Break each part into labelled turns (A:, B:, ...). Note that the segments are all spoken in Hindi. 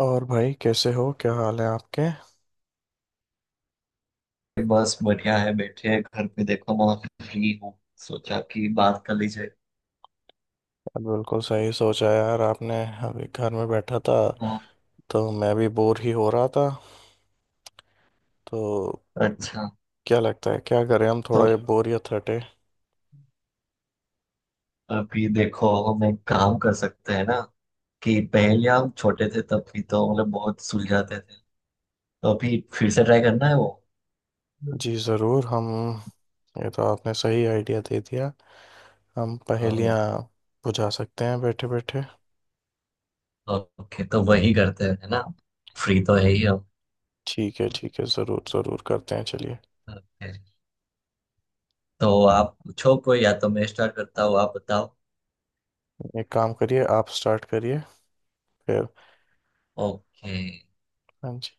A: और भाई कैसे हो, क्या हाल है आपके यार।
B: बस बढ़िया है। बैठे हैं घर पे। देखो, मैं फ्री हूँ। सोचा कि बात कर ली जाए।
A: बिल्कुल सही सोचा यार आपने। अभी घर में बैठा था
B: हाँ,
A: तो मैं भी बोर ही हो रहा था। तो
B: अच्छा।
A: क्या लगता है, क्या करें हम
B: तो
A: थोड़ा, ये बोरियत हटे।
B: अभी देखो, हम एक काम कर सकते हैं ना, कि पहले हम छोटे थे तब भी तो बहुत सुलझाते थे। तो अभी फिर से ट्राई करना है वो।
A: जी ज़रूर हम। ये तो आपने सही आइडिया दे दिया। हम
B: हाँ।
A: पहेलियाँ बुझा सकते हैं बैठे बैठे।
B: ओके, तो वही करते हैं, है ना। फ्री तो है ही हम।
A: ठीक है, ठीक है, ज़रूर ज़रूर करते हैं, चलिए।
B: ओके, तो आप पूछो कोई, या तो मैं स्टार्ट करता हूँ, आप बताओ।
A: एक काम करिए, आप स्टार्ट करिए फिर।
B: ओके,
A: हाँ जी।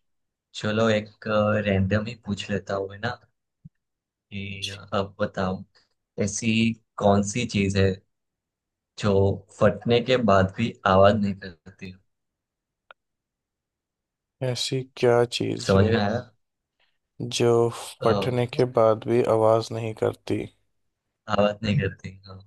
B: चलो, एक रैंडम ही पूछ लेता हूँ, है ना। जी, अब बताओ, ऐसी कौन सी चीज है जो फटने के बाद भी आवाज नहीं करती।
A: ऐसी क्या चीज़ है
B: समझ में आया?
A: जो
B: हाँ,
A: फटने के बाद भी आवाज नहीं करती।
B: आवाज नहीं करती। हाँ।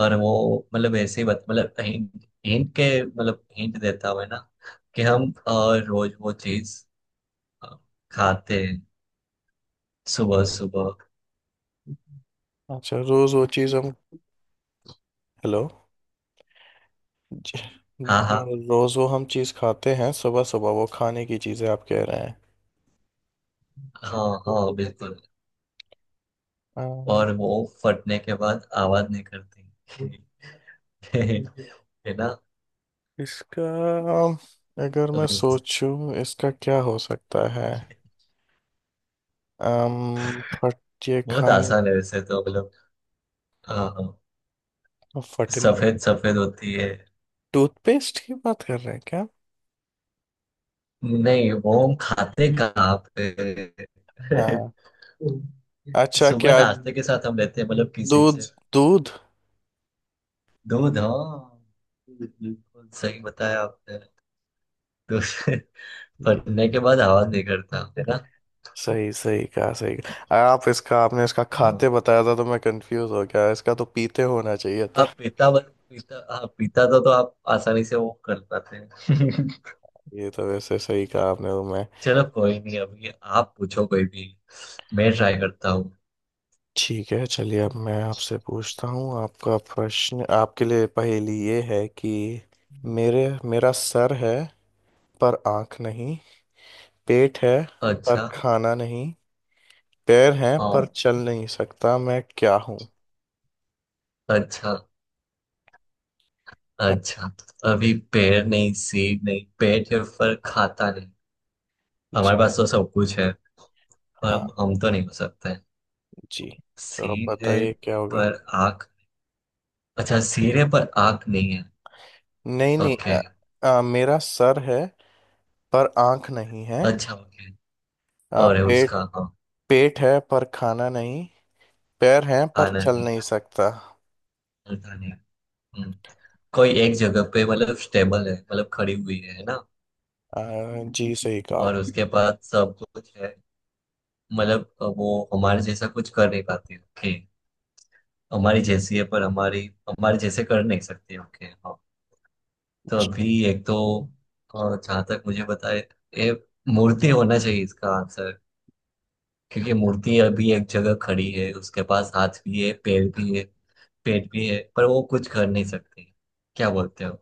B: और वो ऐसे ही बत मतलब हिंट हिंट के मतलब हिंट देता हुआ है ना, कि हम रोज वो चीज अ, खाते हैं सुबह सुबह।
A: अच्छा, रोज वो चीज हम। हेलो। ज-
B: हाँ, हाँ।
A: रोज वो हम चीज खाते हैं सुबह सुबह, वो खाने की चीजें आप कह रहे हैं।
B: हाँ हाँ, बिल्कुल।
A: अम,
B: और वो फटने के बाद आवाज नहीं करती। है ना।
A: इसका, अगर
B: तो
A: मैं
B: इस-
A: सोचूं इसका क्या हो सकता है। अम फट ये
B: बहुत
A: खाने,
B: आसान है, वैसे तो हाँ,
A: फटने के।
B: सफेद सफेद होती है।
A: टूथपेस्ट की बात कर रहे हैं क्या।
B: नहीं, मोम खाते कहाँ पे?
A: हाँ। अच्छा
B: सुबह
A: क्या,
B: नाश्ते के साथ हम लेते हैं, किसी
A: दूध,
B: से।
A: दूध।
B: दूध, हाँ। बिल्कुल सही बताया आपने। दूध। फटने के बाद आवाज नहीं करता, है ना।
A: सही सही कहा, सही कहा आप। इसका आपने इसका
B: हाँ।
A: खाते बताया था तो मैं कंफ्यूज हो गया। इसका तो पीते होना चाहिए था।
B: आप पीता बन पीता, हाँ। पीता तो आप आसानी से वो कर पाते हैं।
A: ये तो वैसे सही कहा आपने तो मैं।
B: चलो, कोई नहीं। अभी आप पूछो कोई भी, मैं ट्राई करता हूँ।
A: ठीक है, चलिए अब मैं आपसे पूछता हूँ। आपका प्रश्न, आपके लिए पहेली ये है कि मेरे मेरा सर है पर आंख नहीं। पेट है पर
B: अच्छा।
A: खाना नहीं। पैर हैं पर
B: हाँ,
A: चल नहीं सकता। मैं क्या हूँ।
B: अच्छा।
A: हाँ जी।
B: अच्छा, तो अभी पैर नहीं, सीट नहीं, पेट है पर खाता नहीं। हमारे
A: जी।
B: पास तो सब कुछ है, पर
A: हाँ
B: हम तो नहीं हो सकते हैं।
A: जी, तो अब
B: सिर है
A: बताइए क्या होगा।
B: पर आँख। अच्छा, सिर है पर आँख नहीं है।
A: नहीं नहीं।
B: ओके।
A: मेरा सर है पर आंख नहीं है।
B: अच्छा, ओके। और है
A: पेट,
B: उसका, हाँ।
A: पेट है पर खाना नहीं। पैर हैं पर
B: आना
A: चल
B: नहीं,
A: नहीं सकता।
B: चलता नहीं। हम्म, कोई एक जगह पे स्टेबल है, खड़ी हुई है ना।
A: अ, जी सही कहा
B: और
A: आप।
B: उसके पास सब कुछ है, वो हमारे जैसा कुछ कर नहीं पाती। ओके, हमारी जैसी है पर हमारी हमारे जैसे कर नहीं सकती। ओके, तो
A: जी।
B: अभी एक तो, जहां तक मुझे पता है, ये मूर्ति होना चाहिए इसका आंसर। क्योंकि मूर्ति अभी एक जगह खड़ी है, उसके पास हाथ भी है, पैर भी है, पेट भी है, पर वो कुछ कर नहीं सकती। क्या बोलते हो?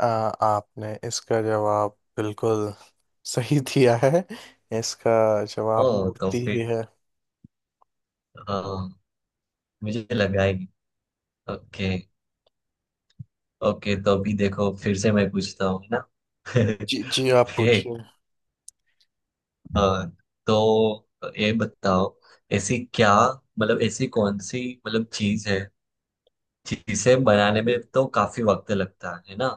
A: आपने इसका जवाब बिल्कुल सही दिया है। इसका
B: ओ,
A: जवाब
B: तो
A: मूर्ति ही
B: फिर,
A: है।
B: हाँ, मुझे लगा ही। ओके। ओके, तो अभी देखो, फिर से मैं पूछता हूँ ना।
A: जी जी, आप
B: ओके।
A: पूछिए।
B: हाँ, तो ये बताओ, ऐसी क्या ऐसी कौन सी चीज है, चीजें बनाने में तो काफी वक्त लगता है ना,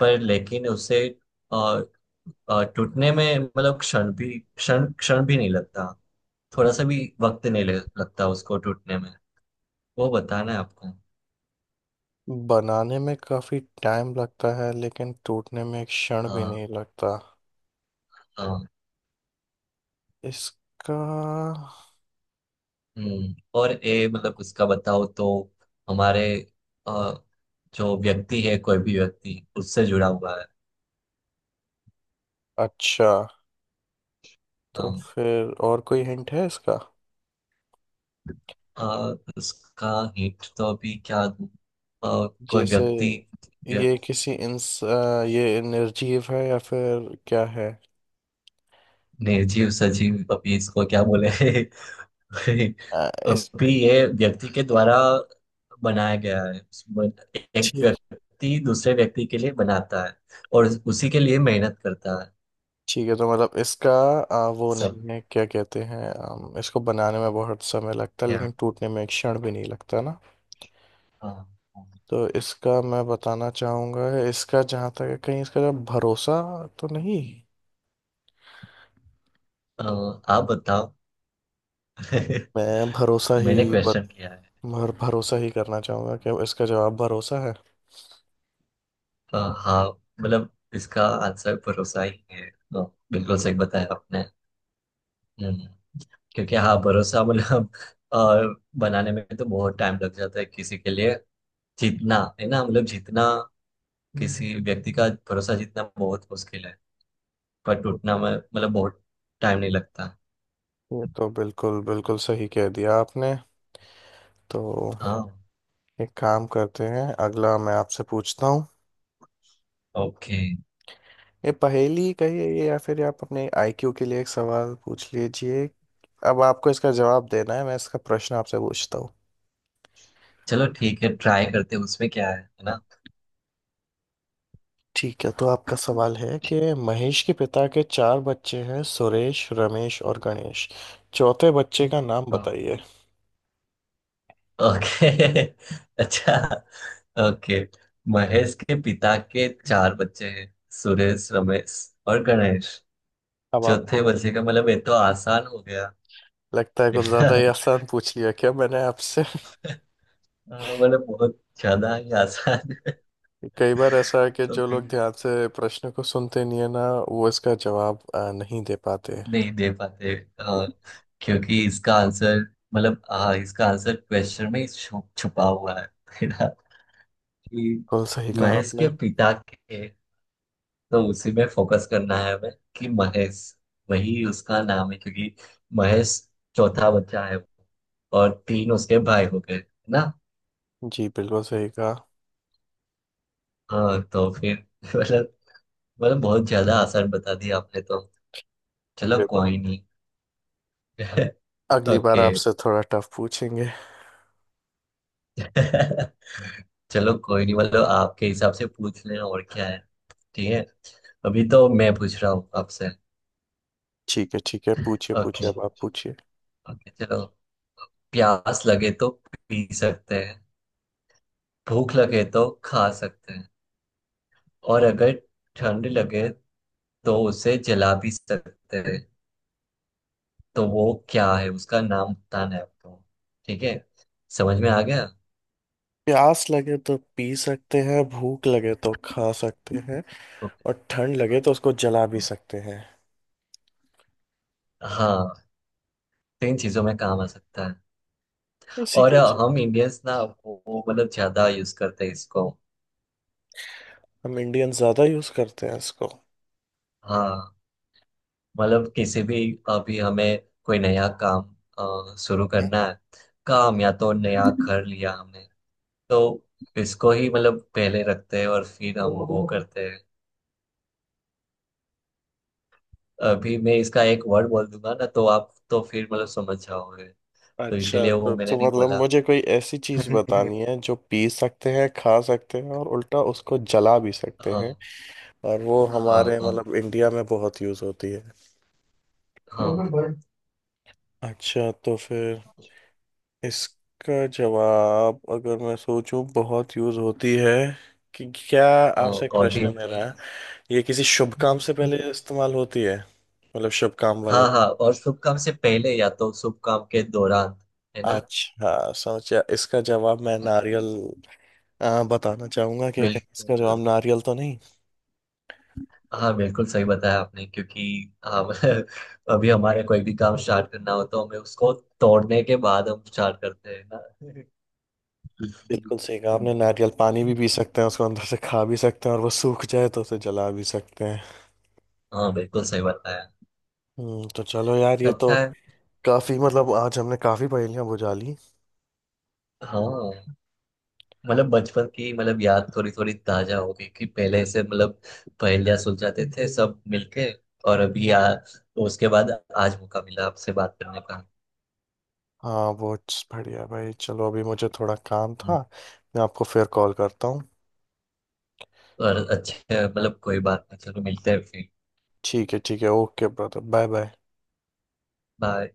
B: पर लेकिन उसे अ, टूटने में क्षण भी नहीं लगता। थोड़ा सा भी वक्त नहीं लगता उसको टूटने में। वो बताना है आपको।
A: बनाने में काफी टाइम लगता है लेकिन टूटने में एक क्षण भी
B: हाँ,
A: नहीं लगता।
B: हाँ।
A: इसका,
B: हम्म, और ए मतलब उसका बताओ तो, हमारे अ, जो व्यक्ति है, कोई भी व्यक्ति उससे जुड़ा हुआ है।
A: अच्छा तो
B: हाँ।
A: फिर और कोई हिंट है इसका।
B: अ, उसका हिंट तो अभी क्या दूं? कोई
A: जैसे
B: व्यक्ति,
A: ये किसी ये निर्जीव है या फिर क्या है।
B: निर्जीव सजीव अभी इसको क्या बोले।
A: अ, इस
B: अभी ये व्यक्ति के द्वारा बनाया गया है, एक
A: ठीक।
B: व्यक्ति दूसरे व्यक्ति के लिए बनाता है, और उसी के लिए मेहनत करता है।
A: ठीक है, तो मतलब इसका वो
B: सब।
A: नहीं है, क्या कहते हैं, इसको बनाने में बहुत समय लगता है
B: क्या?
A: लेकिन टूटने में एक क्षण भी नहीं लगता ना।
B: हाँ। हाँ।
A: तो इसका मैं बताना चाहूंगा, इसका जहाँ तक है, कहीं इसका भरोसा तो नहीं।
B: अ, आप बताओ।
A: मैं भरोसा ही,
B: मैंने क्वेश्चन किया है।
A: भरोसा ही करना चाहूंगा कि इसका जवाब भरोसा है।
B: हाँ, मतलब इसका आंसर भरोसा ही है। बिल्कुल सही बताया आपने। हम्म, क्योंकि हाँ, भरोसा और बनाने में तो बहुत टाइम लग जाता है, किसी के लिए जीतना, है ना, मतलब जीतना हम्म। किसी व्यक्ति का भरोसा जीतना बहुत मुश्किल है, पर टूटना में बहुत टाइम नहीं लगता।
A: ये तो बिल्कुल बिल्कुल सही कह दिया आपने। तो
B: हाँ।
A: एक काम करते हैं, अगला मैं आपसे पूछता हूँ।
B: ओके,
A: ये पहेली कहिए ये, या फिर आप अपने आईक्यू के लिए एक सवाल पूछ लीजिए। अब आपको इसका जवाब देना है, मैं इसका प्रश्न आपसे पूछता हूँ।
B: चलो, ठीक है, ट्राई करते हैं। उसमें क्या है ना।
A: ठीक है, तो आपका सवाल है कि महेश के पिता के चार बच्चे हैं, सुरेश, रमेश और गणेश। चौथे बच्चे का नाम
B: हाँ।
A: बताइए।
B: ओके। अच्छा। ओके, महेश के पिता के चार बच्चे हैं, सुरेश, रमेश और गणेश,
A: अब
B: चौथे
A: आपको
B: बच्चे का ये तो आसान हो गया।
A: लगता है कुछ ज्यादा ही आसान पूछ लिया क्या मैंने आपसे।
B: हाँ, बहुत ज्यादा ही आसान।
A: कई बार ऐसा है कि जो लोग
B: है।
A: ध्यान से प्रश्न को सुनते नहीं है ना, वो इसका जवाब नहीं दे पाते।
B: नहीं दे पाते। क्योंकि इसका आंसर, हाँ, इसका आंसर क्वेश्चन में ही छुपा हुआ है। मेरा, कि
A: बिल्कुल सही कहा
B: महेश
A: आपने।
B: के पिता के, तो उसी में फोकस करना है हमें, कि महेश, वही उसका नाम है क्योंकि महेश चौथा बच्चा है और तीन उसके भाई हो गए, है ना।
A: जी बिल्कुल सही कहा।
B: हाँ, तो फिर मतलब बहुत ज्यादा आसान बता दिया आपने तो। चलो,
A: कोई बात।
B: कोई नहीं।
A: अगली बार
B: ओके।
A: आपसे थोड़ा टफ पूछेंगे।
B: चलो, कोई नहीं, आपके हिसाब से पूछ लेना, और क्या है। ठीक है, अभी तो मैं पूछ रहा हूँ आपसे।
A: ठीक है, ठीक है, पूछिए पूछिए,
B: ओके।
A: अब आप पूछिए।
B: ओके, चलो। प्यास लगे तो पी सकते हैं, भूख लगे तो खा सकते हैं, और अगर ठंड लगे तो उसे जला भी सकते हैं। तो वो क्या है, उसका नाम बताना है आपको। ठीक है। समझ में आ गया।
A: प्यास लगे तो पी सकते हैं, भूख लगे तो खा सकते हैं,
B: ओके।
A: और ठंड
B: खा
A: लगे तो उसको जला
B: सकते
A: भी
B: हैं।
A: सकते हैं।
B: हाँ, तीन चीजों में काम आ सकता है।
A: ऐसी
B: और
A: क्या चीज।
B: हम इंडियंस ना, वो ज्यादा यूज करते हैं इसको।
A: हम इंडियन ज्यादा यूज करते हैं इसको।
B: हाँ। किसी भी, अभी हमें कोई नया काम शुरू करना है, काम, या तो नया घर लिया हमने, तो इसको ही पहले रखते हैं और फिर हम वो करते हैं। अभी मैं इसका एक वर्ड बोल दूंगा ना तो आप तो फिर समझ जाओगे, तो
A: अच्छा,
B: इसीलिए वो मैंने
A: तो
B: नहीं
A: मतलब
B: बोला।
A: मुझे कोई ऐसी चीज बतानी है जो पी सकते हैं, खा सकते हैं, और उल्टा उसको जला भी सकते
B: हाँ,
A: हैं। और वो
B: हाँ।
A: हमारे
B: हाँ,
A: मतलब इंडिया में बहुत यूज होती है।
B: हाँ।
A: अच्छा तो फिर इसका जवाब अगर मैं सोचूं, बहुत यूज होती है, कि क्या।
B: हाँ,
A: आपसे एक
B: और
A: प्रश्न
B: भी
A: है मेरा।
B: चाहिए।
A: ये किसी शुभ काम से पहले इस्तेमाल होती है, मतलब शुभ काम वाले।
B: हाँ, हाँ, और शुभ काम से पहले या तो शुभ काम के दौरान, है ना।
A: अच्छा, सोचा इसका जवाब मैं नारियल बताना चाहूंगा कि कहीं इसका जवाब
B: बिल्कुल।
A: नारियल तो नहीं।
B: हाँ, बिल्कुल सही बताया आपने, क्योंकि हम अभी हमारे कोई भी काम स्टार्ट करना हो तो हमें उसको तोड़ने के बाद हम स्टार्ट करते हैं ना।
A: बिल्कुल सही कहा आपने। नारियल पानी भी पी सकते हैं, उसको अंदर से खा भी सकते हैं, और वो सूख जाए तो उसे जला भी सकते हैं।
B: हाँ, बिल्कुल सही बताया।
A: हम्म, तो चलो यार, ये तो
B: अच्छा है।
A: काफी मतलब, आज हमने काफी पहेलियां बुझा ली।
B: हाँ, बचपन की याद थोड़ी थोड़ी ताजा हो गई, कि पहले से पहेलियां सुलझाते थे सब मिलके। और अभी उसके बाद आज मौका मिला आपसे बात करने का।
A: हाँ वो, बढ़िया भाई, चलो अभी मुझे थोड़ा काम था, मैं आपको फिर कॉल करता हूँ।
B: और अच्छा, कोई बात नहीं, चलो, मिलते हैं फिर।
A: ठीक है, ठीक है, okay brother, bye bye.
B: Bye.